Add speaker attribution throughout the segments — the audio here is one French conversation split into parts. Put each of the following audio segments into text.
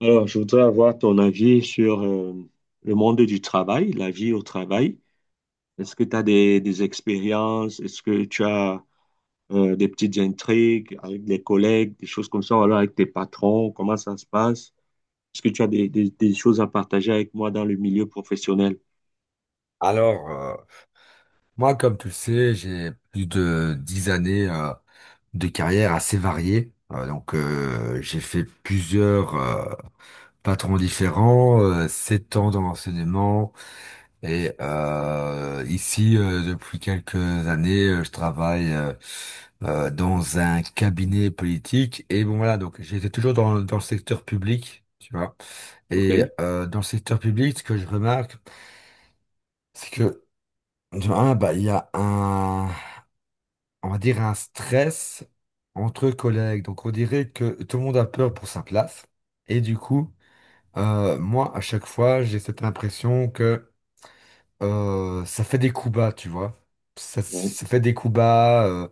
Speaker 1: Alors, je voudrais avoir ton avis sur le monde du travail, la vie au travail. Est-ce que tu as des expériences? Est-ce que tu as des petites intrigues avec des collègues, des choses comme ça, ou alors avec tes patrons? Comment ça se passe? Est-ce que tu as des choses à partager avec moi dans le milieu professionnel?
Speaker 2: Alors, moi, comme tu le sais, j'ai plus de 10 années de carrière assez variée. Donc, j'ai fait plusieurs patrons différents, 7 ans dans l'enseignement. Et ici, depuis quelques années, je travaille dans un cabinet politique. Et bon, voilà, donc j'étais toujours dans le secteur public, tu vois. Et
Speaker 1: OK.
Speaker 2: dans le secteur public, ce que je remarque, c'est que, de un, bah, il y a un, on va dire, un stress entre collègues. Donc, on dirait que tout le monde a peur pour sa place. Et du coup, moi, à chaque fois, j'ai cette impression que ça fait des coups bas, tu vois. Ça,
Speaker 1: Ouais,
Speaker 2: ça fait des coups bas euh,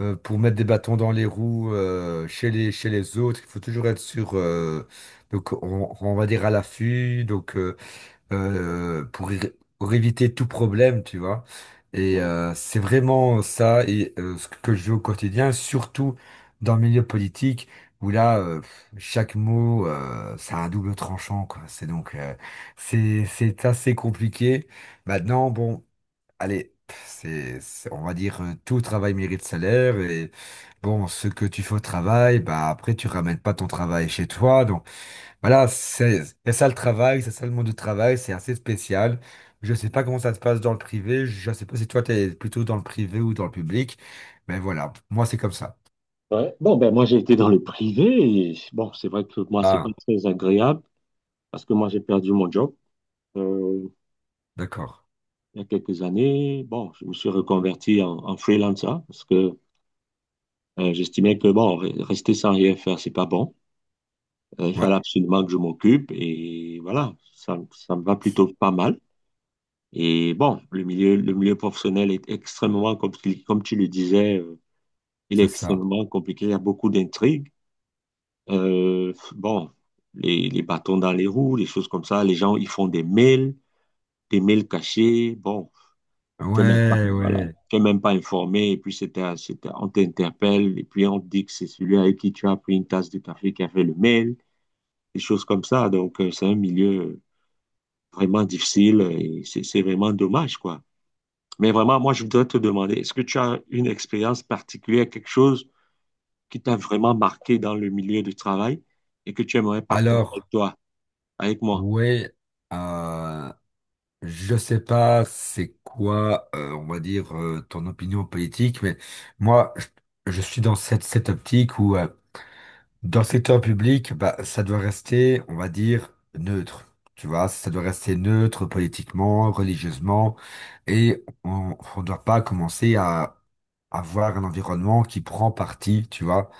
Speaker 2: euh, pour mettre des bâtons dans les roues chez les autres. Il faut toujours être sur, donc on va dire, à l'affût. Donc, pour éviter tout problème, tu vois. Et
Speaker 1: ouais.
Speaker 2: c'est vraiment ça et ce que je vis au quotidien, surtout dans le milieu politique, où là, chaque mot, ça a un double tranchant, quoi. C'est donc, c'est assez compliqué. Maintenant, bon, allez, pff, on va dire, tout travail mérite salaire, et bon, ce que tu fais au travail, bah après, tu ramènes pas ton travail chez toi, donc. Voilà, c'est ça le travail, c'est ça le monde du travail, c'est assez spécial. Je sais pas comment ça se passe dans le privé, je sais pas si toi t'es plutôt dans le privé ou dans le public, mais voilà, moi c'est comme ça.
Speaker 1: Ouais. Bon, ben moi, j'ai été dans le privé, et bon, c'est vrai que moi, c'est pas
Speaker 2: Ah,
Speaker 1: très agréable parce que moi, j'ai perdu mon job. Euh,
Speaker 2: d'accord.
Speaker 1: il y a quelques années, bon, je me suis reconverti en freelancer parce que j'estimais que bon, rester sans rien faire, c'est pas bon. Il
Speaker 2: Ouais,
Speaker 1: fallait absolument que je m'occupe et voilà, ça me va plutôt pas mal. Et bon, le milieu professionnel est extrêmement compliqué, comme tu le disais, il est
Speaker 2: c'est ça.
Speaker 1: extrêmement compliqué. Il y a beaucoup d'intrigues. Euh, bon, les bâtons dans les roues, les choses comme ça. Les gens, ils font des mails cachés. Bon, tu n'es même pas,
Speaker 2: Ouais,
Speaker 1: voilà,
Speaker 2: ouais.
Speaker 1: tu n'es même pas informé, et puis c'était, on t'interpelle, et puis on te dit que c'est celui avec qui tu as pris une tasse de café qui a fait le mail, des choses comme ça. Donc, c'est un milieu vraiment difficile et c'est vraiment dommage, quoi. Mais vraiment, moi, je voudrais te demander, est-ce que tu as une expérience particulière, quelque chose qui t'a vraiment marqué dans le milieu du travail et que tu aimerais partager avec
Speaker 2: Alors,
Speaker 1: toi, avec moi?
Speaker 2: ouais, euh, je sais pas c'est quoi, on va dire, ton opinion politique, mais moi, je suis dans cette optique où, dans le secteur public, bah, ça doit rester, on va dire, neutre. Tu vois, ça doit rester neutre politiquement, religieusement, et on ne doit pas commencer à avoir un environnement qui prend parti, tu vois,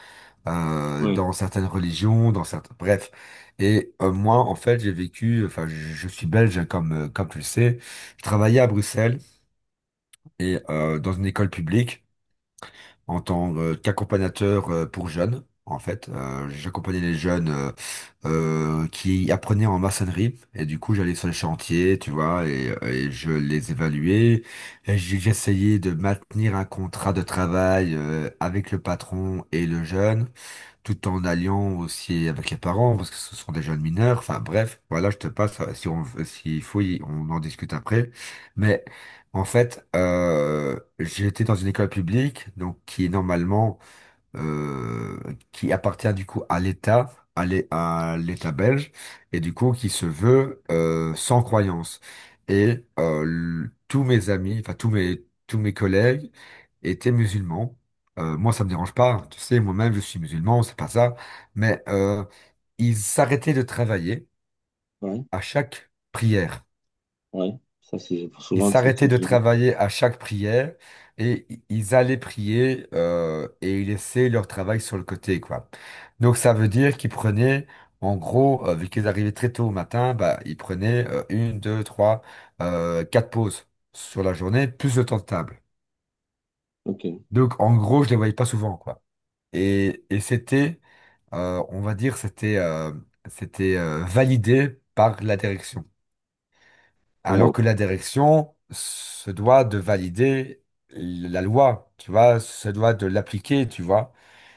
Speaker 1: Oui,
Speaker 2: dans certaines religions, bref. Et moi, en fait, j'ai vécu, enfin, je suis belge, hein, comme tu le sais. Je travaillais à Bruxelles et dans une école publique en tant qu'accompagnateur pour jeunes. En fait, j'accompagnais les jeunes qui apprenaient en maçonnerie et du coup j'allais sur les chantiers, tu vois, et je les évaluais. Et j'essayais de maintenir un contrat de travail avec le patron et le jeune, tout en alliant aussi avec les parents, parce que ce sont des jeunes mineurs. Enfin bref, voilà, je te passe, si on, s'il faut, on en discute après. Mais en fait, j'ai été dans une école publique, donc qui est normalement euh, qui appartient du coup à l'État, à l'État belge, et du coup qui se veut sans croyance. Et tous mes amis, enfin tous mes collègues étaient musulmans. Moi, ça me dérange pas, hein. Tu sais, moi-même, je suis musulman, c'est pas ça. Mais ils s'arrêtaient de travailler
Speaker 1: oui,
Speaker 2: à chaque prière.
Speaker 1: oui. Ça, c'est
Speaker 2: Ils
Speaker 1: souvent,
Speaker 2: s'arrêtaient de travailler à chaque prière, et ils allaient prier et ils laissaient leur travail sur le côté, quoi. Donc ça veut dire qu'ils prenaient, en gros, vu qu'ils arrivaient très tôt au matin, bah, ils prenaient une, deux, trois, quatre pauses sur la journée, plus le temps de table.
Speaker 1: Ok.
Speaker 2: Donc en gros, je les voyais pas souvent, quoi. Et c'était, on va dire, c'était c'était validé par la direction, alors
Speaker 1: Wow.
Speaker 2: que la direction se doit de valider la loi, tu vois, se doit de l'appliquer, tu vois.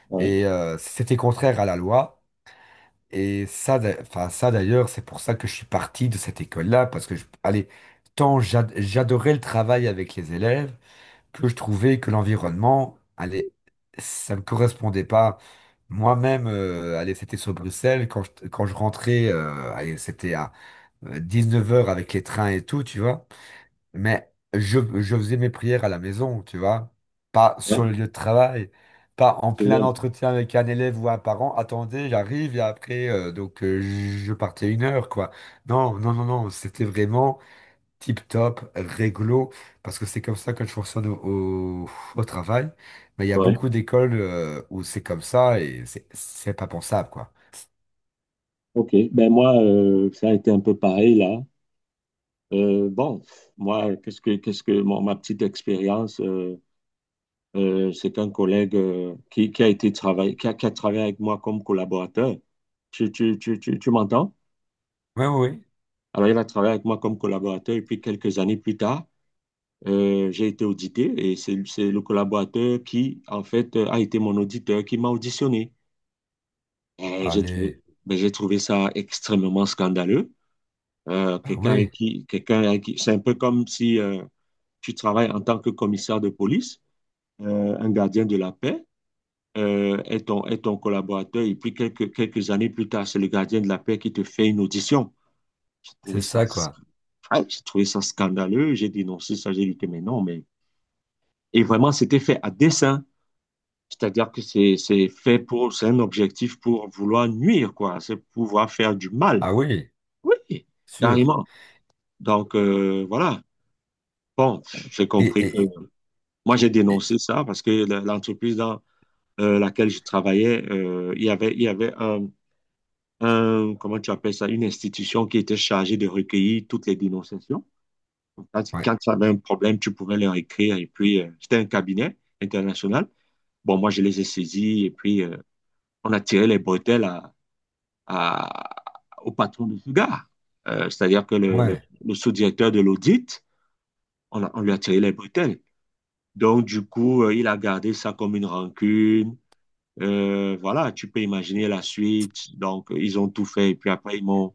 Speaker 1: Ouais.
Speaker 2: Et c'était contraire à la loi. Et ça, enfin ça d'ailleurs, c'est pour ça que je suis parti de cette école-là, parce que, allez, tant j'adorais le travail avec les élèves, que je trouvais que l'environnement, allez, ça me correspondait pas. Moi-même, allez, c'était sur Bruxelles, quand je rentrais, allez, c'était à 19h avec les trains et tout, tu vois. Mais je faisais mes prières à la maison, tu vois, pas sur
Speaker 1: Ouais.
Speaker 2: le lieu de travail, pas en
Speaker 1: C'est
Speaker 2: plein
Speaker 1: bien.
Speaker 2: entretien avec un élève ou un parent. Attendez, j'arrive et après, donc je partais 1 heure, quoi. Non, non, non, non, c'était vraiment tip-top, réglo, parce que c'est comme ça que je fonctionne au travail. Mais il y a
Speaker 1: Ouais.
Speaker 2: beaucoup d'écoles où c'est comme ça, et c'est pas pensable, quoi.
Speaker 1: Ok, ben moi, ça a été un peu pareil là. Euh, bon, Moi, qu'est-ce que ma petite expérience, c'est qu'un collègue qui a été travaillé, qui a travaillé avec moi comme collaborateur. Tu m'entends?
Speaker 2: Oui, oui, oui.
Speaker 1: Alors, il a travaillé avec moi comme collaborateur et puis quelques années plus tard, j'ai été audité et c'est le collaborateur qui, en fait, a été mon auditeur qui m'a auditionné. Et
Speaker 2: Allez.
Speaker 1: ben, j'ai trouvé ça extrêmement scandaleux.
Speaker 2: Ah
Speaker 1: Quelqu'un avec
Speaker 2: oui,
Speaker 1: qui, quelqu'un avec qui, c'est un peu comme si tu travailles en tant que commissaire de police, un gardien de la paix est ton collaborateur, et puis quelques années plus tard, c'est le gardien de la paix qui te fait une audition. J'ai
Speaker 2: c'est
Speaker 1: trouvé ça,
Speaker 2: ça, quoi.
Speaker 1: j'ai trouvé ça scandaleux, j'ai dénoncé ça, j'ai dit que mais non, mais. Et vraiment, c'était fait à dessein. C'est fait pour, c'est un objectif pour vouloir nuire, quoi. C'est pouvoir faire du mal.
Speaker 2: Ah oui,
Speaker 1: Oui,
Speaker 2: sûr.
Speaker 1: carrément. Donc, voilà. Bon, j'ai
Speaker 2: Et,
Speaker 1: compris que
Speaker 2: et, et-
Speaker 1: moi, j'ai
Speaker 2: et-
Speaker 1: dénoncé ça parce que l'entreprise dans laquelle je travaillais, il y avait comment tu appelles ça, une institution qui était chargée de recueillir toutes les dénonciations.
Speaker 2: ouais.
Speaker 1: Quand tu avais un problème, tu pouvais leur écrire. Et puis, c'était un cabinet international. Bon, moi, je les ai saisis et puis on a tiré les bretelles à- au patron de ce gars. C'est-à-dire que
Speaker 2: Ouais.
Speaker 1: le sous-directeur de l'audit, on lui a tiré les bretelles. Donc, du coup, il a gardé ça comme une rancune. Voilà, tu peux imaginer la suite. Donc, ils ont tout fait. Et puis après,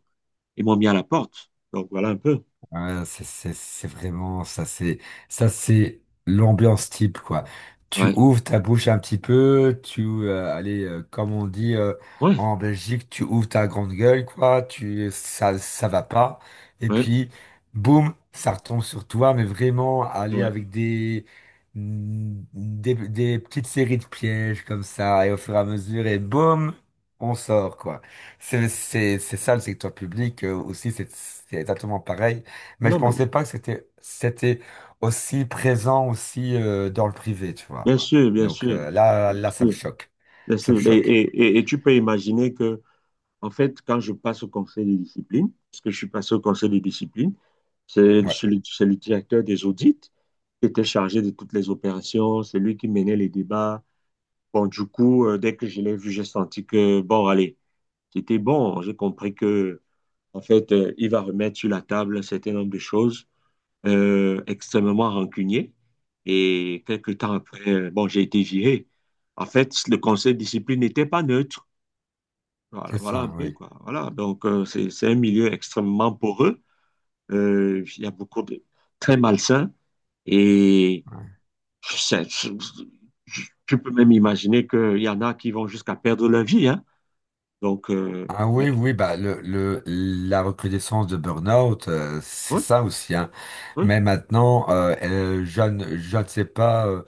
Speaker 1: ils m'ont mis à la porte. Donc, voilà un peu.
Speaker 2: Ouais, c'est vraiment ça, c'est l'ambiance type, quoi. Tu
Speaker 1: Ouais,
Speaker 2: ouvres ta bouche un petit peu, tu allez comme on dit
Speaker 1: ouais,
Speaker 2: en Belgique, tu ouvres ta grande gueule, quoi, tu ça va pas, et
Speaker 1: ouais,
Speaker 2: puis boum, ça retombe sur toi, mais vraiment, aller
Speaker 1: ouais.
Speaker 2: avec des petites séries de pièges comme ça et au fur et à mesure, et boum, on sort, quoi. C'est ça le secteur public aussi, c'est exactement pareil. Mais je
Speaker 1: Non, mais
Speaker 2: pensais pas que c'était aussi présent aussi dans le privé, tu vois.
Speaker 1: bien sûr, bien
Speaker 2: Donc
Speaker 1: sûr.
Speaker 2: là
Speaker 1: Bien
Speaker 2: là ça me
Speaker 1: sûr,
Speaker 2: choque.
Speaker 1: bien
Speaker 2: Ça me
Speaker 1: sûr.
Speaker 2: choque.
Speaker 1: Et tu peux imaginer que, en fait, quand je passe au conseil des disciplines, parce que je suis passé au conseil des disciplines,
Speaker 2: Ouais,
Speaker 1: c'est le directeur des audits qui était chargé de toutes les opérations. C'est lui qui menait les débats. Bon, du coup, dès que je l'ai vu, j'ai senti que, bon, allez. C'était bon. J'ai compris que, en fait, il va remettre sur la table un certain nombre de choses extrêmement rancunier. Et quelques temps après, bon, j'ai été viré. En fait, le conseil de discipline n'était pas neutre. Voilà,
Speaker 2: c'est
Speaker 1: voilà
Speaker 2: ça,
Speaker 1: un
Speaker 2: oui.
Speaker 1: peu, quoi. Voilà. Donc, c'est un milieu extrêmement poreux. Il y a beaucoup de très malsains. Et
Speaker 2: Ouais.
Speaker 1: c'est- tu peux même imaginer qu'il y en a qui vont jusqu'à perdre leur vie, hein. Donc,
Speaker 2: Ah
Speaker 1: ouais,
Speaker 2: oui, oui, bah le la recrudescence de burn-out, c'est
Speaker 1: ouais,
Speaker 2: ça aussi, hein.
Speaker 1: ouais.
Speaker 2: Mais maintenant, je ne sais pas,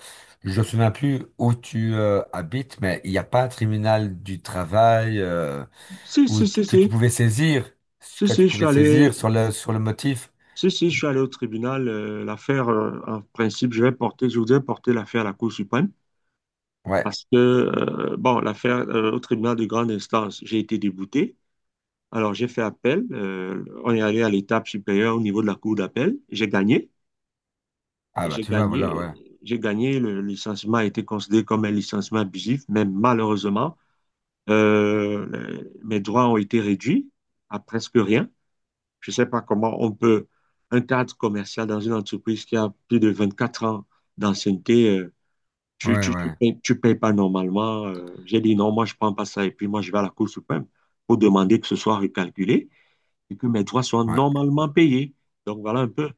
Speaker 2: je ne me souviens plus où tu habites, mais il n'y a pas un tribunal du travail
Speaker 1: Si,
Speaker 2: où,
Speaker 1: si, si,
Speaker 2: que
Speaker 1: si.
Speaker 2: tu pouvais saisir,
Speaker 1: Si, si, je suis allé,
Speaker 2: sur le motif.
Speaker 1: Si, si, je suis allé au tribunal. L'affaire, en principe, je vais porter, je voudrais porter l'affaire à la Cour suprême
Speaker 2: Ouais.
Speaker 1: parce que, bon, l'affaire au tribunal de grande instance, j'ai été débouté. Alors, j'ai fait appel. Euh, on est allé à l'étape supérieure au niveau de la Cour d'appel. J'ai gagné.
Speaker 2: Ah bah
Speaker 1: J'ai
Speaker 2: tu vois, voilà, ouais.
Speaker 1: gagné. J'ai gagné. Le licenciement a été considéré comme un licenciement abusif, mais malheureusement, mes droits ont été réduits à presque rien. Je ne sais pas comment on peut, un cadre commercial dans une entreprise qui a plus de 24 ans d'ancienneté,
Speaker 2: Ouais, ouais.
Speaker 1: tu payes pas normalement. Euh, j'ai dit non, moi je prends pas ça et puis moi je vais à la Cour suprême pour demander que ce soit recalculé et que mes droits soient
Speaker 2: Ouais.
Speaker 1: normalement payés. Donc voilà un peu.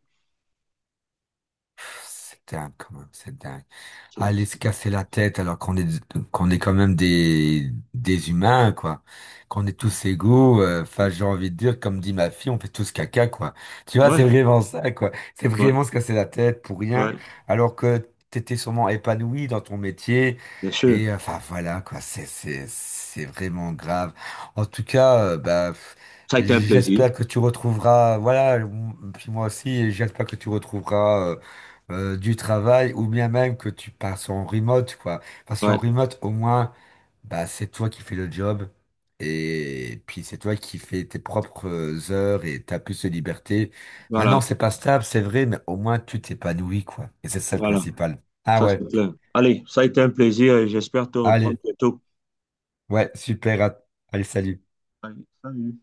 Speaker 2: C'est dingue quand même, c'est dingue.
Speaker 1: C'est-
Speaker 2: Aller se casser
Speaker 1: c'est-
Speaker 2: la tête, alors qu'on est quand même des humains, quoi, qu'on est tous égaux. Enfin, j'ai envie de dire, comme dit ma fille, on fait tous caca, quoi. Tu vois,
Speaker 1: Ouais,
Speaker 2: c'est vraiment ça, quoi. C'est vraiment
Speaker 1: ouais,
Speaker 2: se casser la tête pour rien,
Speaker 1: ouais,
Speaker 2: alors que t'étais sûrement épanoui dans ton métier.
Speaker 1: bien sûr.
Speaker 2: Et enfin voilà, quoi, c'est vraiment grave. En tout cas, bah, pff,
Speaker 1: Ça a été un plaisir.
Speaker 2: j'espère que tu retrouveras, voilà, puis moi aussi, j'espère que tu retrouveras du travail, ou bien même que tu passes en remote, quoi. Parce qu'en
Speaker 1: Ouais,
Speaker 2: remote, au moins, bah, c'est toi qui fais le job, et puis c'est toi qui fais tes propres heures, et t'as plus de liberté.
Speaker 1: voilà,
Speaker 2: Maintenant, c'est pas stable, c'est vrai, mais au moins tu t'épanouis, quoi. Et c'est ça le
Speaker 1: voilà,
Speaker 2: principal. Ah
Speaker 1: ça c'est
Speaker 2: ouais.
Speaker 1: clair. Allez, ça a été un plaisir et j'espère te reprendre
Speaker 2: Allez,
Speaker 1: bientôt.
Speaker 2: ouais, super. Allez, salut.
Speaker 1: Allez, salut.